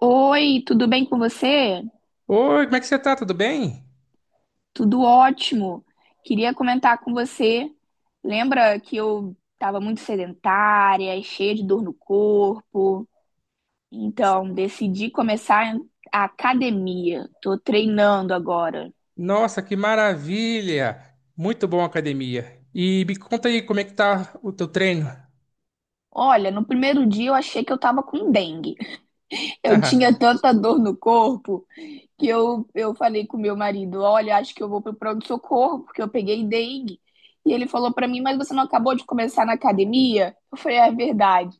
Oi, tudo bem com você? Oi, como é que você tá? Tudo bem? Tudo ótimo. Queria comentar com você. Lembra que eu estava muito sedentária, e cheia de dor no corpo? Então, decidi começar a academia. Tô treinando agora. Nossa, que maravilha! Muito bom a academia. E me conta aí como é que tá o teu treino? Olha, no primeiro dia eu achei que eu estava com dengue. Eu tinha tanta dor no corpo que eu falei com meu marido, olha, acho que eu vou pro pronto-socorro, porque eu peguei dengue. E ele falou pra mim, mas você não acabou de começar na academia? Eu falei, é verdade.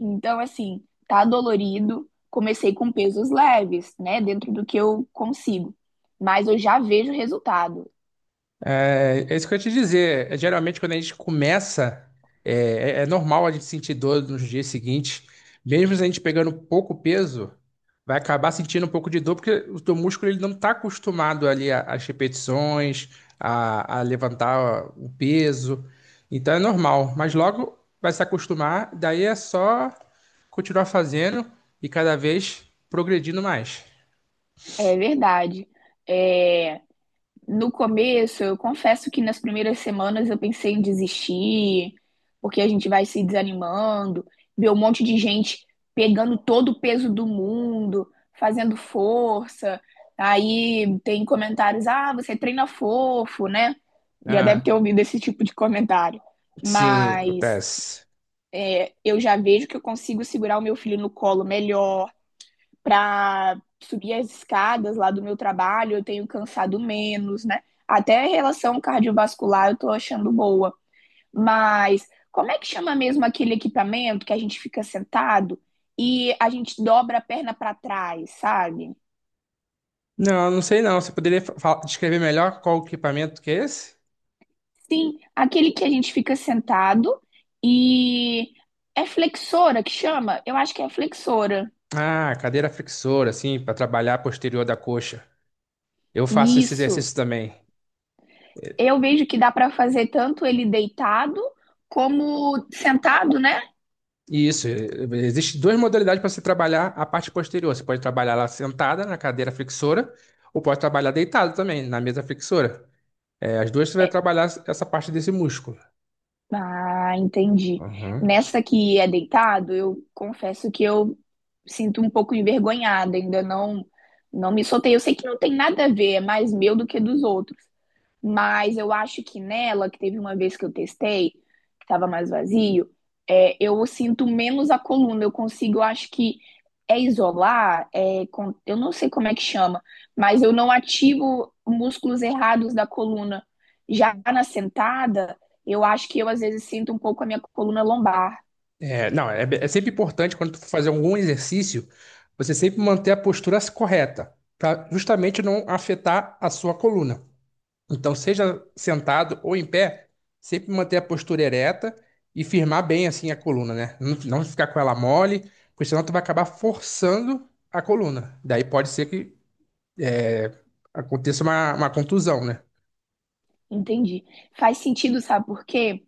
Então, assim, tá dolorido. Comecei com pesos leves, né? Dentro do que eu consigo. Mas eu já vejo resultado. É isso que eu ia te dizer. Geralmente, quando a gente começa, é, é normal a gente sentir dor nos dias seguintes. Mesmo se a gente pegando pouco peso, vai acabar sentindo um pouco de dor, porque o teu músculo ele não está acostumado ali às repetições, a levantar o peso. Então é normal. Mas logo vai se acostumar, daí é só continuar fazendo e cada vez progredindo mais. É verdade. É... No começo, eu confesso que nas primeiras semanas eu pensei em desistir, porque a gente vai se desanimando, ver um monte de gente pegando todo o peso do mundo, fazendo força. Aí tem comentários: ah, você treina fofo, né? Já deve Ah, ter ouvido esse tipo de comentário. sim, Mas acontece. Eu já vejo que eu consigo segurar o meu filho no colo melhor, para subir as escadas lá do meu trabalho, eu tenho cansado menos, né? Até a relação cardiovascular eu tô achando boa. Mas como é que chama mesmo aquele equipamento que a gente fica sentado e a gente dobra a perna para trás, sabe? Não, não sei não. Você poderia descrever melhor qual o equipamento que é esse? Sim, aquele que a gente fica sentado e é flexora que chama? Eu acho que é flexora. Ah, cadeira flexora, assim, para trabalhar a posterior da coxa. Eu faço esse Isso. exercício também. Eu vejo que dá para fazer tanto ele deitado como sentado, né? Isso, existem duas modalidades para você trabalhar a parte posterior. Você pode trabalhar ela sentada na cadeira flexora ou pode trabalhar deitado também na mesa flexora. É, as duas você vai É, trabalhar essa parte desse músculo. Ah, entendi. Uhum. Nessa que é deitado, eu confesso que eu sinto um pouco envergonhada, ainda não me soltei. Eu sei que não tem nada a ver, é mais meu do que dos outros. Mas eu acho que nela, que teve uma vez que eu testei, que estava mais vazio, eu sinto menos a coluna. Eu consigo, eu acho que é isolar, eu não sei como é que chama, mas eu não ativo músculos errados da coluna. Já na sentada, eu acho que eu às vezes sinto um pouco a minha coluna lombar. É, não, é, é sempre importante quando tu for fazer algum exercício, você sempre manter a postura correta, para justamente não afetar a sua coluna. Então, seja sentado ou em pé, sempre manter a postura ereta e firmar bem assim a coluna, né? Não, não ficar com ela mole, porque senão tu vai acabar forçando a coluna. Daí pode ser que é, aconteça uma contusão, né? Entendi. Faz sentido, sabe por quê?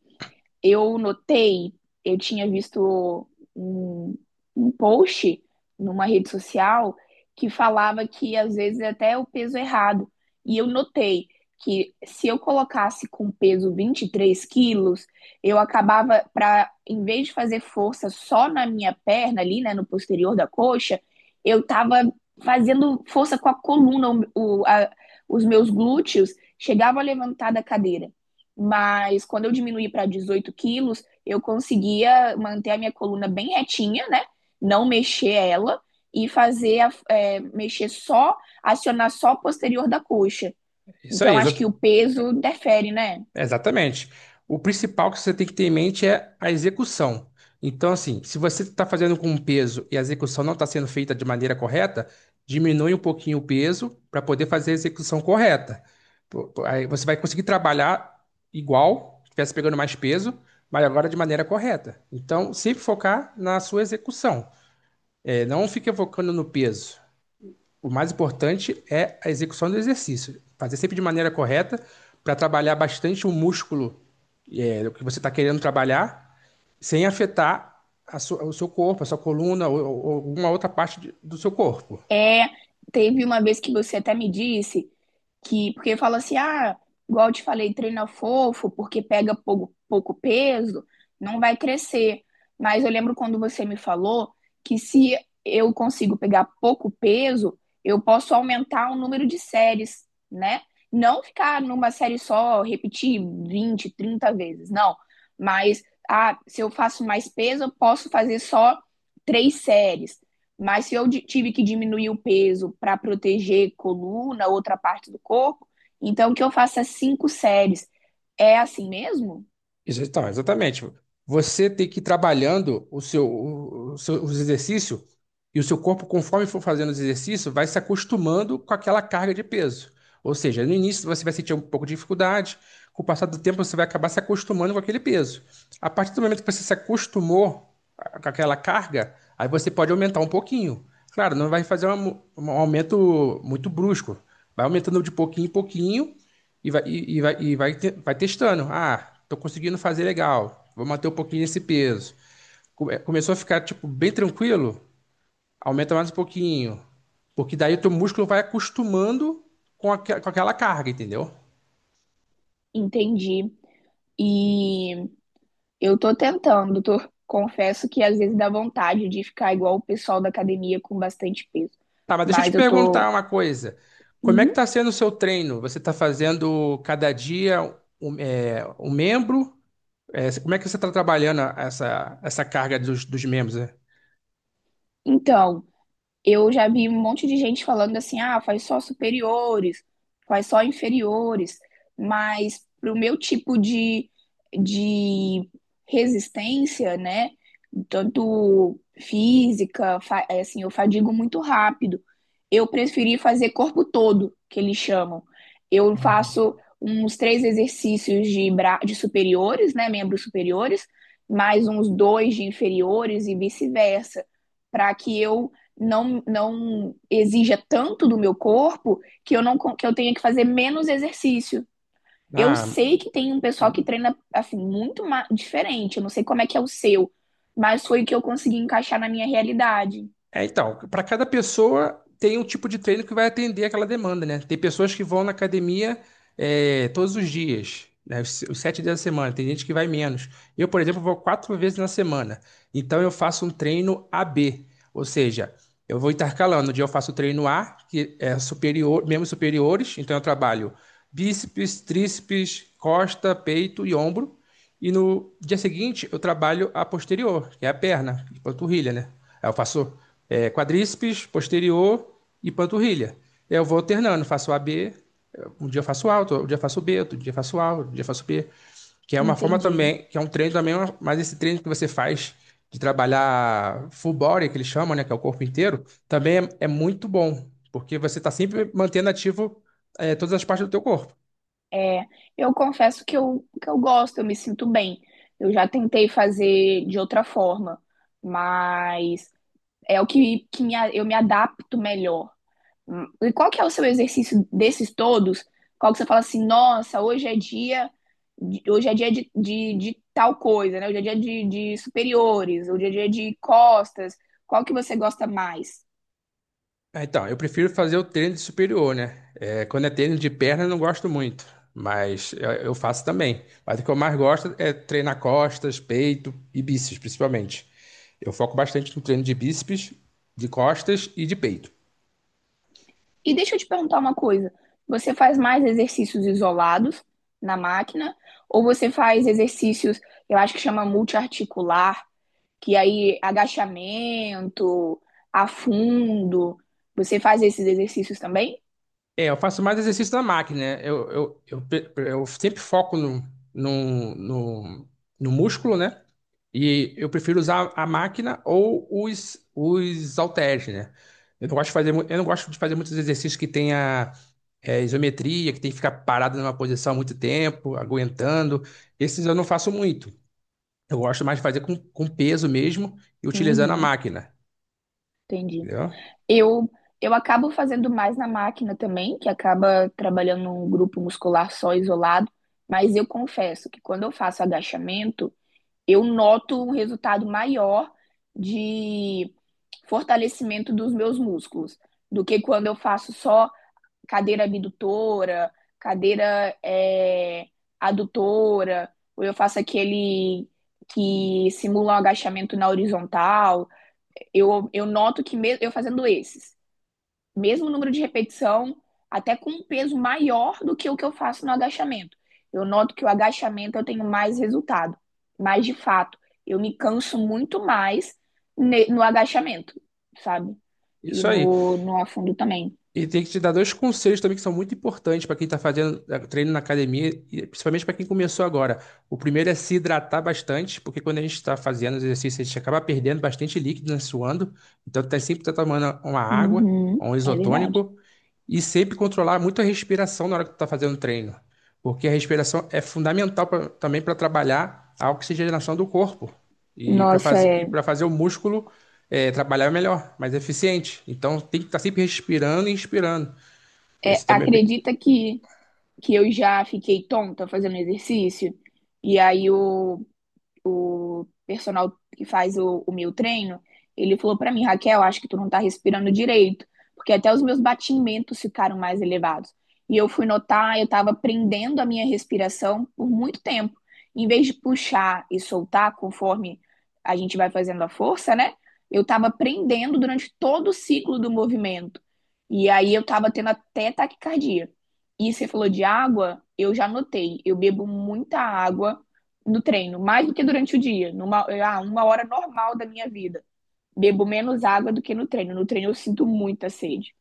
Eu notei, eu tinha visto um, um post numa rede social que falava que às vezes é até o peso errado. E eu notei que se eu colocasse com peso 23 quilos, eu acabava para, em vez de fazer força só na minha perna ali, né, no posterior da coxa, eu tava fazendo força com a coluna, o, a- os meus glúteos chegavam a levantar da cadeira. Mas quando eu diminuí para 18 quilos, eu conseguia manter a minha coluna bem retinha, né? Não mexer ela e fazer mexer só, acionar só a posterior da coxa. Isso aí, Então acho exa- que o peso interfere, né? Exatamente. O principal que você tem que ter em mente é a execução. Então, assim, se você está fazendo com um peso e a execução não está sendo feita de maneira correta, diminui um pouquinho o peso para poder fazer a execução correta. Aí você vai conseguir trabalhar igual, se estivesse pegando mais peso, mas agora de maneira correta. Então, sempre focar na sua execução. É, não fique focando no peso. O mais importante é a execução do exercício. Fazer sempre de maneira correta para trabalhar bastante o músculo que você está querendo trabalhar, sem afetar a o seu corpo, a sua coluna ou alguma outra parte do seu corpo. É, teve uma vez que você até me disse que, porque fala assim, ah, igual eu te falei, treina fofo, porque pega pouco peso, não vai crescer. Mas eu lembro quando você me falou que se eu consigo pegar pouco peso, eu posso aumentar o número de séries, né? Não ficar numa série só, repetir 20 30 vezes, não. Mas, ah, se eu faço mais peso, eu posso fazer só três séries. Mas se eu tive que diminuir o peso para proteger coluna, outra parte do corpo, então que eu faça cinco séries. É assim mesmo? Então, exatamente. Você tem que ir trabalhando o seu, os exercícios e o seu corpo, conforme for fazendo os exercícios, vai se acostumando com aquela carga de peso. Ou seja, no início você vai sentir um pouco de dificuldade, com o passar do tempo você vai acabar se acostumando com aquele peso. A partir do momento que você se acostumou com aquela carga, aí você pode aumentar um pouquinho. Claro, não vai fazer um aumento muito brusco. Vai aumentando de pouquinho em pouquinho e vai testando. Ah, tô conseguindo fazer legal. Vou manter um pouquinho esse peso. Começou a ficar, tipo, bem tranquilo. Aumenta mais um pouquinho. Porque daí o teu músculo vai acostumando com aquela carga, entendeu? Entendi. E eu tô tentando, confesso que às vezes dá vontade de ficar igual o pessoal da academia com bastante peso. Tá, mas deixa eu te Mas eu perguntar tô. uma coisa. Como é que Uhum. tá sendo o seu treino? Você tá fazendo cada dia um, um membro? É, como é que você tá trabalhando essa carga dos membros, né? Então, eu já vi um monte de gente falando assim, ah, faz só superiores, faz só inferiores, mas pro meu tipo de resistência, né, tanto física, é assim, eu fadigo muito rápido. Eu preferi fazer corpo todo, que eles chamam. Eu Uhum. faço uns três exercícios de superiores, né, membros superiores, mais uns dois de inferiores e vice-versa, para que eu não exija tanto do meu corpo que eu não que eu tenha que fazer menos exercício. Eu Ah, sei que tem um pessoal que treina assim muito diferente. Eu não sei como é que é o seu, mas foi o que eu consegui encaixar na minha realidade. É, então, para cada pessoa tem um tipo de treino que vai atender aquela demanda, né? Tem pessoas que vão na academia todos os dias, né? Os 7 dias da semana. Tem gente que vai menos. Eu, por exemplo, vou 4 vezes na semana. Então, eu faço um treino A-B, ou seja, eu vou intercalando. Um dia eu faço o treino A, que é superior, membros superiores. Então, eu trabalho bíceps, tríceps, costa, peito e ombro. E no dia seguinte, eu trabalho a posterior, que é a perna, panturrilha, né? Aí eu faço quadríceps, posterior e panturrilha. Eu vou alternando, faço A B um dia eu faço A, outro dia eu faço B, outro dia eu faço A, outro dia eu faço B. Que é uma forma Entendi. também, que é um treino também, mas esse treino que você faz de trabalhar full body, que eles chamam, né, que é o corpo inteiro, também é muito bom, porque você está sempre mantendo ativo todas as partes do teu corpo. É, eu confesso que eu gosto, eu me sinto bem. Eu já tentei fazer de outra forma, mas é o eu me adapto melhor. E qual que é o seu exercício desses todos? Qual que você fala assim, nossa, hoje é dia de tal coisa, né? Hoje é dia de superiores, hoje é dia de costas. Qual que você gosta mais? Então, eu prefiro fazer o treino de superior, né? É, quando é treino de perna, eu não gosto muito, mas eu faço também. Mas o que eu mais gosto é treinar costas, peito e bíceps, principalmente. Eu foco bastante no treino de bíceps, de costas e de peito. E deixa eu te perguntar uma coisa. Você faz mais exercícios isolados na máquina ou você faz exercícios, eu acho que chama multiarticular, que aí agachamento, afundo. Você faz esses exercícios também? É, eu faço mais exercício na máquina, né? Eu sempre foco no, no, no músculo, né? E eu prefiro usar a máquina ou os halteres, né? Eu não gosto de fazer, eu não gosto de fazer muitos exercícios que tenha isometria, que tem que ficar parado numa posição muito tempo, aguentando. Esses eu não faço muito. Eu gosto mais de fazer com peso mesmo e utilizando a Uhum, máquina, entendi. entendeu? Eu, eu acabo fazendo mais na máquina também, que acaba trabalhando um grupo muscular só isolado, mas eu confesso que quando eu faço agachamento, eu noto um resultado maior de fortalecimento dos meus músculos do que quando eu faço só cadeira abdutora, cadeira adutora, ou eu faço aquele que simula um agachamento na horizontal. Eu noto que mesmo eu fazendo esses mesmo número de repetição, até com um peso maior do que o que eu faço no agachamento. Eu noto que o agachamento eu tenho mais resultado, mas de fato, eu me canso muito mais no agachamento, sabe? E Isso aí. no afundo também. E tem que te dar dois conselhos também que são muito importantes para quem está fazendo treino na academia, e principalmente para quem começou agora. O primeiro é se hidratar bastante, porque quando a gente está fazendo os exercícios, a gente acaba perdendo bastante líquido, né, suando. Então, tá sempre tomando uma água, ou Uhum, um é verdade. isotônico, e sempre controlar muito a respiração na hora que tu está fazendo o treino, porque a respiração é fundamental também para trabalhar a oxigenação do corpo. Nossa, E para fazer o músculo trabalhar é melhor, mais eficiente. Então tem que estar sempre respirando e inspirando. E esse também é bem. Acredita que eu já fiquei tonta fazendo exercício? E aí o personal que faz o meu treino, ele falou para mim, Raquel, acho que tu não tá respirando direito, porque até os meus batimentos ficaram mais elevados. E eu fui notar, eu estava prendendo a minha respiração por muito tempo. Em vez de puxar e soltar conforme a gente vai fazendo a força, né? Eu estava prendendo durante todo o ciclo do movimento. E aí eu estava tendo até taquicardia. E você falou de água, eu já notei. Eu bebo muita água no treino, mais do que durante o dia, uma hora normal da minha vida. Bebo menos água do que no treino. No treino eu sinto muita sede.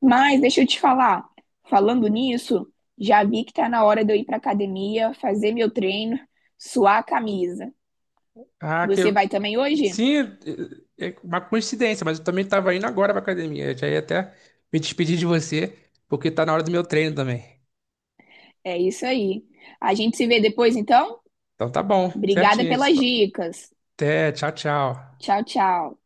Mas deixa eu te falar, falando nisso, já vi que tá na hora de eu ir pra academia, fazer meu treino, suar a camisa. Ah, que Você eu- vai também hoje? sim, é é uma coincidência, mas eu também estava indo agora para academia. Eu já ia até me despedir de você, porque tá na hora do meu treino também. É isso aí. A gente se vê depois, então? Então tá bom, Obrigada certinho. pelas dicas. Até, tchau, tchau. Tchau, tchau.